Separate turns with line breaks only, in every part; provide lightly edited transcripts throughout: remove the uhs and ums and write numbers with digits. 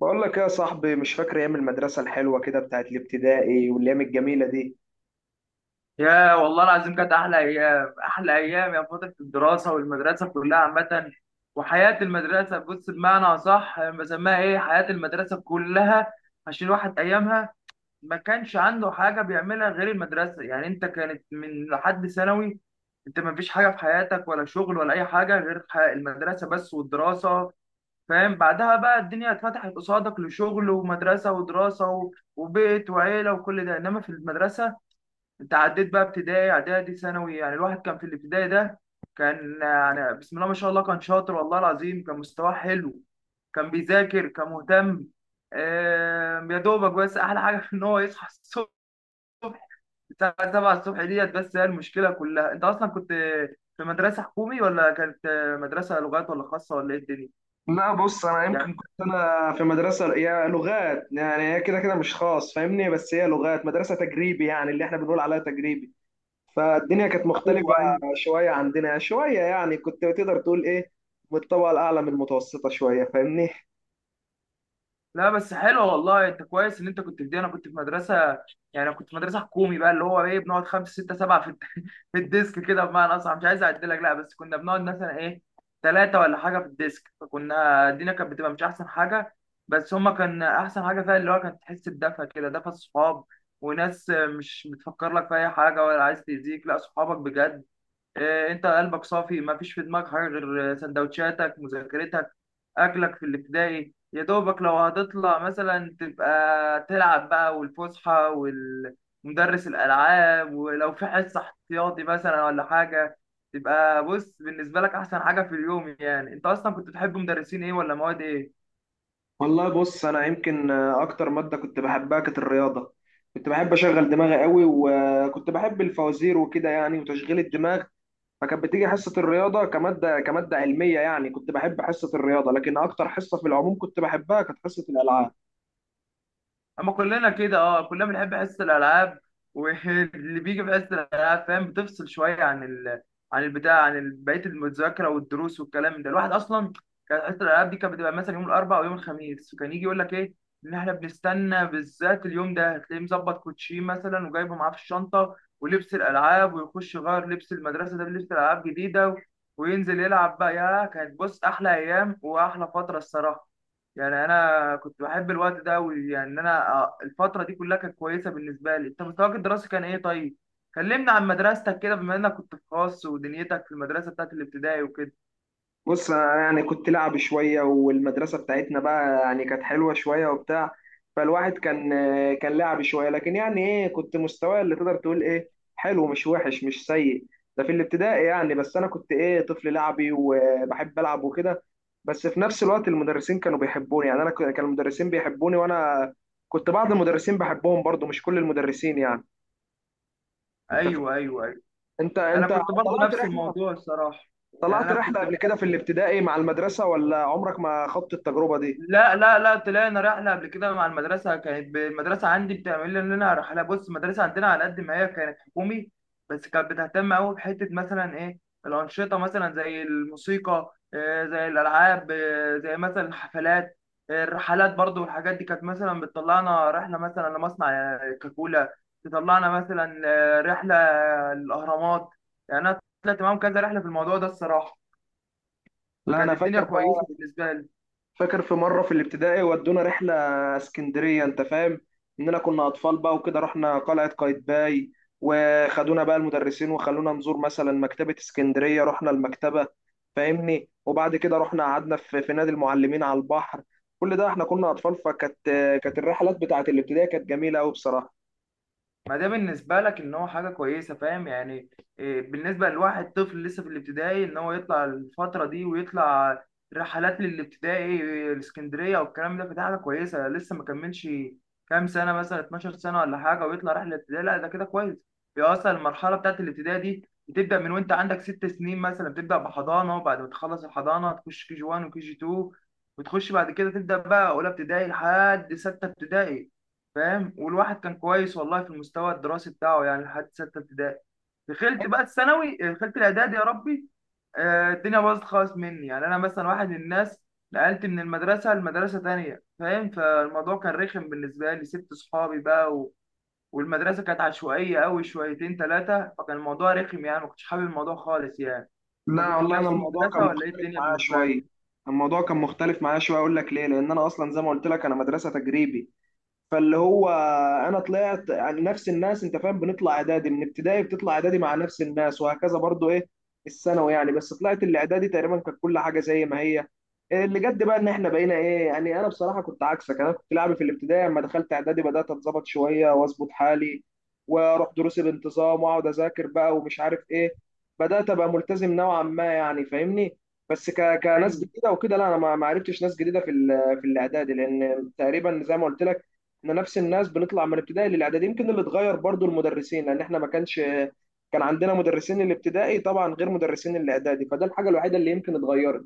بقول لك يا صاحبي، مش فاكر ايام المدرسه الحلوه كده بتاعت الابتدائي والايام الجميله دي؟
يا والله العظيم كانت احلى ايام احلى ايام، يا فتره الدراسه والمدرسه كلها عامه. وحياه المدرسه، بص، بمعنى اصح بسميها ايه، حياه المدرسه كلها. عشان الواحد ايامها ما كانش عنده حاجه بيعملها غير المدرسه. يعني انت كانت من لحد ثانوي، انت ما فيش حاجه في حياتك، ولا شغل ولا اي حاجه غير المدرسه بس والدراسه، فاهم؟ بعدها بقى الدنيا اتفتحت قصادك لشغل ومدرسه ودراسه و- وبيت وعيله وكل ده، انما في المدرسه انت عديت بقى ابتدائي اعدادي ثانوي. يعني الواحد كان في الابتدائي ده كان يعني بسم الله ما شاء الله كان شاطر، والله العظيم كان مستواه حلو، كان بيذاكر، كان مهتم. آه، يا دوبك بس احلى حاجه في ان هو يصحى الصبح الساعه 7 الصبح ديت، بس هي المشكله كلها. انت اصلا كنت في مدرسه حكومي، ولا كانت مدرسه لغات، ولا خاصه، ولا ايه الدنيا؟
لا، بص انا
يعني.
يمكن كنت انا في مدرسه هي لغات، يعني هي كده كده مش خاص فاهمني، بس هي لغات مدرسه تجريبي، يعني اللي احنا بنقول عليها تجريبي. فالدنيا كانت مختلفه
ايوه، ايوه.
شويه عندنا شويه، يعني كنت تقدر تقول ايه، من الطبقه الاعلى من المتوسطه شويه فاهمني.
لا بس حلو والله، انت كويس ان انت كنت في دي. انا كنت في مدرسه، يعني انا كنت في مدرسه حكومي بقى، اللي هو ايه، بنقعد خمسه سته سبعه في في الديسك كده، بمعنى اصح مش عايز اعدلك، لا بس كنا بنقعد مثلا ايه، ثلاثه ولا حاجه في الديسك. فكنا الدنيا كانت بتبقى مش احسن حاجه، بس هما كان احسن حاجه فيها اللي هو كانت تحس بدفى كده، دفى الصحاب وناس مش بتفكر لك في اي حاجه ولا عايز تاذيك، لا، صحابك بجد. آه، انت قلبك صافي، ما فيش في دماغك حاجه غير، آه، سندوتشاتك، مذاكرتك، اكلك في الابتدائي. يا دوبك لو هتطلع مثلا تبقى تلعب بقى، والفسحه والمدرس الالعاب، ولو في حصه احتياطي مثلا ولا حاجه تبقى بص بالنسبه لك احسن حاجه في اليوم. يعني انت اصلا كنت بتحب مدرسين ايه ولا مواد ايه؟
والله بص، انا يمكن اكتر ماده كنت بحبها كانت الرياضه. كنت بحب اشغل دماغي قوي، وكنت بحب الفوازير وكده يعني، وتشغيل الدماغ. فكانت بتيجي حصة الرياضة كمادة، كمادة علمية يعني، كنت بحب حصة الرياضة، لكن أكتر حصة في العموم كنت بحبها كانت حصة الألعاب.
اما كلنا كده، اه كلنا بنحب حصة الالعاب، واللي بيجي في حصة الالعاب، فاهم، بتفصل شوية عن عن البتاع، عن بقية المذاكرة والدروس والكلام ده. الواحد اصلا كان حصة الالعاب دي كانت بتبقى مثلا يوم الاربعاء ويوم الخميس، فكان يجي يقول لك ايه، ان احنا بنستنى بالذات اليوم ده. هتلاقيه مظبط كوتشي مثلا وجايبه معاه في الشنطة ولبس الالعاب، ويخش يغير لبس المدرسة ده بلبس الالعاب جديدة وينزل يلعب بقى. يا كانت، بص، احلى ايام واحلى فترة الصراحة، يعني انا كنت بحب الوقت ده قوي. يعني انا، آه، الفتره دي كلها كانت كويسه بالنسبه لي. انت مستواك الدراسي كان ايه طيب؟ كلمنا عن مدرستك كده، بما انك كنت في خاص ودنيتك في المدرسه بتاعت الابتدائي وكده.
بص انا يعني كنت لعب شويه، والمدرسه بتاعتنا بقى يعني كانت حلوه شويه وبتاع. فالواحد كان لعب شويه، لكن يعني ايه، كنت مستواي اللي تقدر تقول ايه، حلو، مش وحش، مش سيء. ده في الابتدائي يعني، بس انا كنت ايه، طفل لعبي وبحب العب وكده، بس في نفس الوقت المدرسين كانوا بيحبوني. يعني انا كان المدرسين بيحبوني، وانا كنت بعض المدرسين بحبهم برضو، مش كل المدرسين يعني. انت ف...
ايوه، ايوه، ايوه.
انت
انا
انت
كنت برضو
طلعت
نفس
رحله
الموضوع الصراحه. يعني
طلعت
انا
رحلة
كنت،
قبل كده في الابتدائي مع المدرسة، ولا عمرك ما خضت التجربة دي؟
لا لا لا، طلعنا رحلة قبل كده مع المدرسة، كانت المدرسة عندي بتعمل لنا رحلة. بص، المدرسة عندنا على قد ما هي كانت حكومي، بس كانت بتهتم أوي بحتة مثلا إيه، الأنشطة، مثلا زي الموسيقى، آه، زي الألعاب، آه، زي مثلا الحفلات، آه، الرحلات برضو، والحاجات دي. كانت مثلا بتطلعنا رحلة مثلا لمصنع، آه، كاكولا، تطلعنا مثلا، آه، رحلة الأهرامات. يعني أنا طلعت معاهم كذا رحلة في الموضوع ده الصراحة،
لا
فكانت
أنا فاكر
الدنيا
بقى،
كويسة بالنسبة لي.
فاكر في مرة في الابتدائي ودونا رحلة اسكندرية، أنت فاهم؟ إننا كنا أطفال بقى وكده، رحنا قلعة قايتباي، وخدونا بقى المدرسين وخلونا نزور مثلا مكتبة اسكندرية، رحنا المكتبة فاهمني؟ وبعد كده رحنا قعدنا في نادي المعلمين على البحر. كل ده احنا كنا أطفال، كانت الرحلات بتاعت الابتدائي كانت جميلة أوي بصراحة.
ما ده بالنسبة لك إن هو حاجة كويسة، فاهم؟ يعني إيه، بالنسبة لواحد طفل لسه في الابتدائي، إن هو يطلع الفترة دي ويطلع رحلات للابتدائي الإسكندرية والكلام ده، فده حاجة كويسة. لسه ما كملش كام سنة، مثلا 12 سنة ولا حاجة، ويطلع رحلة ابتدائي، لا ده كده كويس. هي أصلا المرحلة بتاعت الابتدائي دي بتبدأ من وأنت عندك ست سنين، مثلا بتبدأ بحضانة، وبعد ما تخلص الحضانة تخش كي جي 1 وكي جي 2، وتخش بعد كده تبدأ بقى أولى ابتدائي لحد ستة ابتدائي، فاهم؟ والواحد كان كويس والله في المستوى الدراسي بتاعه، يعني لحد ستة ابتدائي. دخلت بقى الثانوي، دخلت الاعدادي، يا ربي، آه، الدنيا باظت خالص مني. يعني انا مثلا واحد من الناس نقلت من المدرسه لمدرسه تانية، فاهم؟ فالموضوع كان رخم بالنسبه لي، سبت صحابي بقى و... والمدرسه كانت عشوائيه قوي شويتين ثلاثه، فكان الموضوع رخم، يعني ما كنتش حابب الموضوع خالص يعني. انت
لا
كنت في
والله انا
نفس
الموضوع كان
المدرسه ولا ايه
مختلف
الدنيا
معايا
بالنسبه لك؟
شويه، الموضوع كان مختلف معايا شويه، اقول لك ليه. لان انا اصلا زي ما قلت لك انا مدرسه تجريبي، فاللي هو انا طلعت يعني نفس الناس انت فاهم، بنطلع اعدادي من ابتدائي، بتطلع اعدادي مع نفس الناس، وهكذا برضو ايه الثانوي يعني. بس طلعت الاعدادي تقريبا كانت كل حاجه زي ما هي، اللي جد بقى ان احنا بقينا ايه. يعني انا بصراحه كنت عكسك، انا كنت لاعب في الابتدائي، لما دخلت اعدادي بدات اتظبط شويه واظبط حالي واروح دروسي بانتظام واقعد اذاكر بقى ومش عارف ايه، بدات ابقى ملتزم نوعا ما يعني فاهمني. بس كناس
ايوه،
جديده وكده، لا انا ما عرفتش ناس جديده في الاعدادي، لان تقريبا زي ما قلت لك احنا نفس الناس بنطلع من الابتدائي للاعدادي. يمكن اللي اتغير برضو المدرسين، لان احنا ما كانش كان عندنا مدرسين الابتدائي طبعا غير مدرسين الاعدادي، فده الحاجه الوحيده اللي يمكن اتغيرت.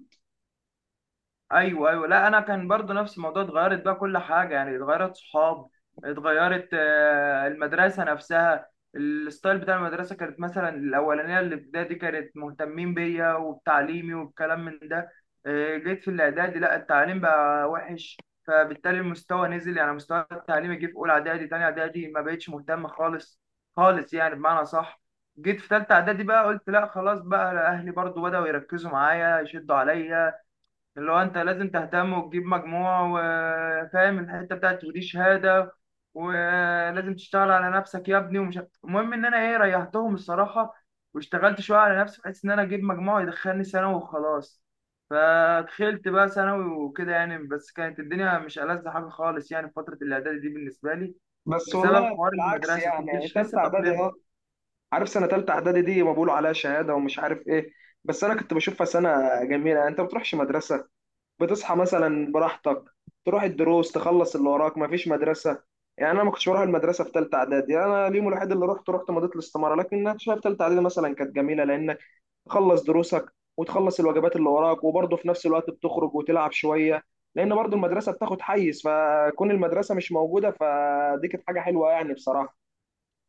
ايوه، ايوه. لا انا كان برضو نفس الموضوع، اتغيرت بقى كل حاجه، يعني اتغيرت صحاب، اتغيرت، آه، المدرسه نفسها، الستايل بتاع المدرسه. كانت مثلا الاولانيه اللي في ابتدائي دي كانت مهتمين بيا وبتعليمي والكلام من ده، آه، جيت في الاعدادي لا التعليم بقى وحش. فبالتالي المستوى نزل، يعني مستوى التعليم. جه في اولى اعدادي تانية اعدادي ما بقتش مهتم خالص خالص، يعني بمعنى صح. جيت في تالتة اعدادي بقى قلت لا خلاص بقى، اهلي برضو بدأوا يركزوا معايا يشدوا عليا، اللي هو انت لازم تهتم وتجيب مجموع وفاهم الحته بتاعت، ودي شهاده ولازم تشتغل على نفسك يا ابني، ومش المهم ان انا ايه، ريحتهم الصراحه، واشتغلت شويه على نفسي بحيث ان انا اجيب مجموع يدخلني ثانوي وخلاص. فدخلت بقى ثانوي وكده يعني، بس كانت الدنيا مش ألذ حاجه خالص، يعني في فتره الاعدادي دي بالنسبه لي
بس
بسبب
والله
حوار
بالعكس
المدرسه،
يعني،
كنتش لسه
تالتة اعدادي
اتأقلمت.
اهو، عارف سنه تالتة اعدادي دي ما بيقولوا عليها شهاده ومش عارف ايه، بس انا كنت بشوفها سنه جميله. يعني انت ما بتروحش مدرسه، بتصحى مثلا براحتك، تروح الدروس تخلص اللي وراك، ما فيش مدرسه. يعني انا ما كنتش بروح المدرسه في تالتة اعدادي، انا اليوم الوحيد اللي رحت مضيت الاستماره، لكن انا شايف تالتة اعدادي مثلا كانت جميله، لان تخلص دروسك وتخلص الواجبات اللي وراك، وبرضه في نفس الوقت بتخرج وتلعب شوية. لأن برضه المدرسة بتاخد حيز، فكون المدرسة مش موجودة فدي كانت حاجة حلوة يعني بصراحة.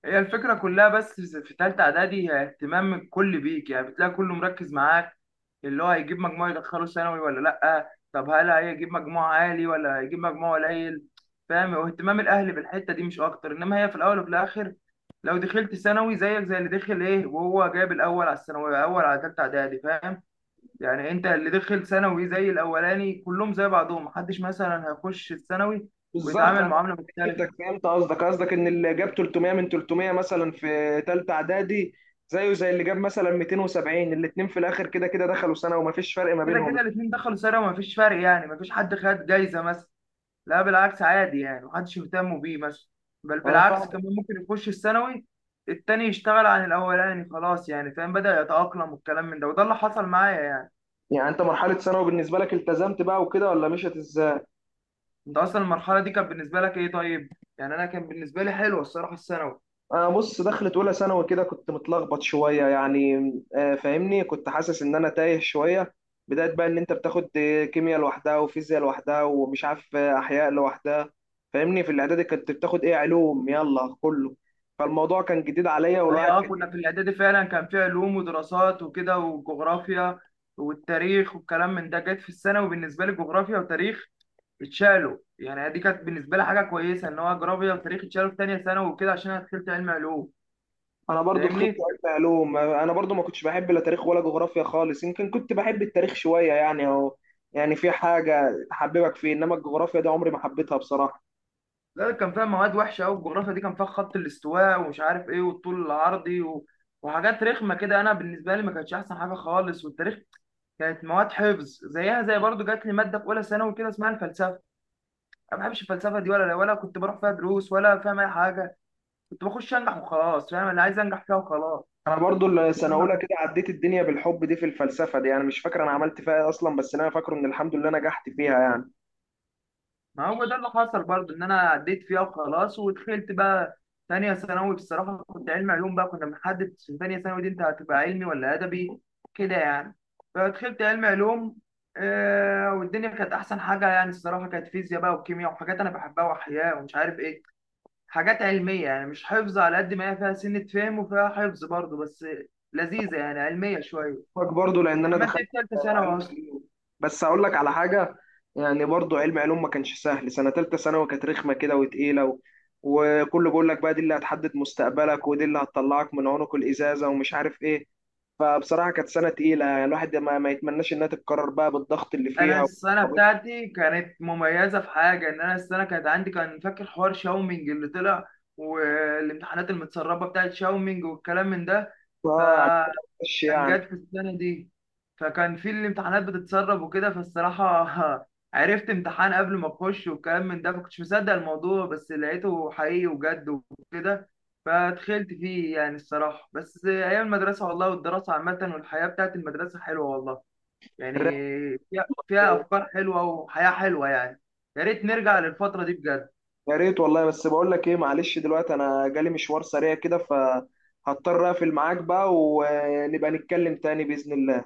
هي الفكرة كلها بس في تالتة إعدادي، هي اهتمام الكل بيك. يعني بتلاقي كله مركز معاك، اللي هو هيجيب مجموع يدخله ثانوي ولا لأ، طب هل هيجيب مجموع عالي ولا هيجيب مجموع قليل، فاهم؟ واهتمام الأهل بالحتة دي مش أكتر، إنما هي في الأول وفي الآخر لو دخلت ثانوي زيك زي اللي دخل، إيه، وهو جايب الأول على الثانوي، أول على تالتة إعدادي، فاهم؟ يعني أنت اللي دخل ثانوي زي الأولاني، كلهم زي بعضهم. محدش مثلا هيخش الثانوي
بالظبط.
ويتعامل
أنا
معاملة مختلفة.
فهمتك، فهمت قصدك، قصدك إن اللي جاب 300 من 300 مثلا في تالتة إعدادي زيه زي اللي جاب مثلا 270، الاتنين في الآخر كده كده دخلوا سنة ومفيش فرق ما
كده
بينهم.
كده الاثنين دخلوا سنه وما فيش فرق، يعني ما فيش حد خد جايزه مثلا، لا بالعكس عادي، يعني محدش يهتم بيه مثلا. بل
أنا
بالعكس
فاهم.
كمان ممكن يخش الثانوي التاني يشتغل عن الاولاني، خلاص يعني، فاهم؟ بدأ يتأقلم والكلام من ده، وده اللي حصل معايا يعني.
يعني أنت مرحلة ثانوي بالنسبة لك التزمت بقى وكده، ولا مشيت إزاي؟
انت اصلا المرحله دي كانت بالنسبه لك ايه طيب؟ يعني انا كان بالنسبه لي حلوه الصراحه الثانوي.
أنا بص دخلت أولى ثانوي كده، كنت متلخبط شوية يعني، فاهمني كنت حاسس إن أنا تايه شوية. بداية بقى إن أنت بتاخد كيمياء لوحدها، وفيزياء لوحدها، ومش عارف أحياء لوحدها، فاهمني. في الإعدادي كنت بتاخد إيه، علوم يلا كله، فالموضوع كان جديد عليا،
هي
والواحد
اه
كان إيه؟
كنا في الاعدادي فعلا كان في علوم ودراسات وكده، وجغرافيا والتاريخ والكلام من ده. جت في الثانوي بالنسبه لي جغرافيا وتاريخ اتشالوا، يعني دي كانت بالنسبه لي حاجه كويسه ان هو جغرافيا وتاريخ اتشالوا في ثانيه ثانوي وكده، عشان انا دخلت علم علوم،
أنا برضو دخلت
فاهمني؟
علم علوم، أنا برضو ما كنتش بحب لا تاريخ ولا جغرافيا خالص، يمكن كنت بحب التاريخ شوية يعني، أو يعني في حاجة تحببك فيه، إنما الجغرافيا دي عمري ما حبيتها بصراحة.
لا كان فيها مواد وحشه قوي، الجغرافيا دي كان فيها خط الاستواء ومش عارف ايه، والطول العرضي و... وحاجات رخمه كده، انا بالنسبه لي ما كانتش احسن حاجه خالص. والتاريخ كانت مواد حفظ زيها زي، برضو جات لي ماده في اولى ثانوي كده اسمها الفلسفه، انا ما بحبش الفلسفه دي، ولا كنت بروح فيها دروس ولا فاهم اي حاجه، كنت بخش انجح وخلاص، فاهم؟ اللي عايز انجح فيها وخلاص.
انا برضو السنه اولى كده عديت الدنيا بالحب دي في الفلسفه دي، يعني مش فاكر انا عملت فيها ايه اصلا، بس اللي انا فاكره ان الحمد لله نجحت فيها يعني.
ما هو ده اللي حصل، برضو ان انا عديت فيها وخلاص، ودخلت بقى ثانيه ثانوي. بصراحه كنت علم علوم بقى، كنا بنحدد في ثانيه ثانوي دي انت هتبقى علمي ولا ادبي كده، يعني فدخلت علم علوم. آه، والدنيا كانت احسن حاجه، يعني الصراحه كانت فيزياء بقى وكيمياء وحاجات انا بحبها، واحياء ومش عارف ايه، حاجات علميه، يعني مش حفظ على قد ما هي فيها سنه، فهم وفيها حفظ برضو، بس لذيذه، يعني علميه شويه.
فاكر برضو لان
انت
انا
عملت ايه
دخلت
في ثالثه ثانوي
علم
اصلا؟
علوم، بس اقول لك على حاجه، يعني برضو علم علوم ما كانش سهل، سنه ثالثه ثانوي كانت رخمه كده وتقيله وكله بيقول لك بقى دي اللي هتحدد مستقبلك ودي اللي هتطلعك من عنق الازازه ومش عارف ايه. فبصراحه كانت سنه تقيله، يعني الواحد ما يتمناش انها تتكرر بقى بالضغط اللي
انا
فيها.
السنه
طب،
بتاعتي كانت مميزه في حاجه، ان انا السنه كانت عندي، كان فاكر حوار شاومينج اللي طلع والامتحانات المتسربه بتاعت شاومينج والكلام من ده،
اه يعني كله ماشي
فكان
يعني.
جات في السنه دي. فكان في الامتحانات بتتسرب وكده، فالصراحه، عرفت امتحان قبل ما اخش والكلام من ده، فكنتش مصدق الموضوع، بس لقيته حقيقي وجد وكده، فدخلت فيه يعني الصراحه. بس ايام المدرسه والله والدراسه عامه والحياه بتاعت المدرسه حلوه والله، يعني فيها، فيها افكار حلوه وحياه حلوه، يعني يا ريت نرجع للفتره دي بجد.
يا ريت والله. بس بقول لك ايه، معلش دلوقتي انا جالي مشوار سريع كده، فهضطر اقفل معاك بقى، ونبقى نتكلم تاني بإذن الله.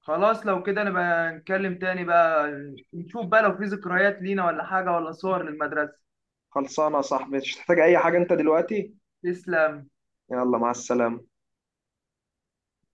خلاص لو كده نبقى نتكلم تاني بقى، نشوف بقى لو في ذكريات لينا ولا حاجه ولا صور للمدرسه.
خلصانة يا صاحبي، مش تحتاج اي حاجة انت دلوقتي؟
تسلم.
يلا مع السلامة.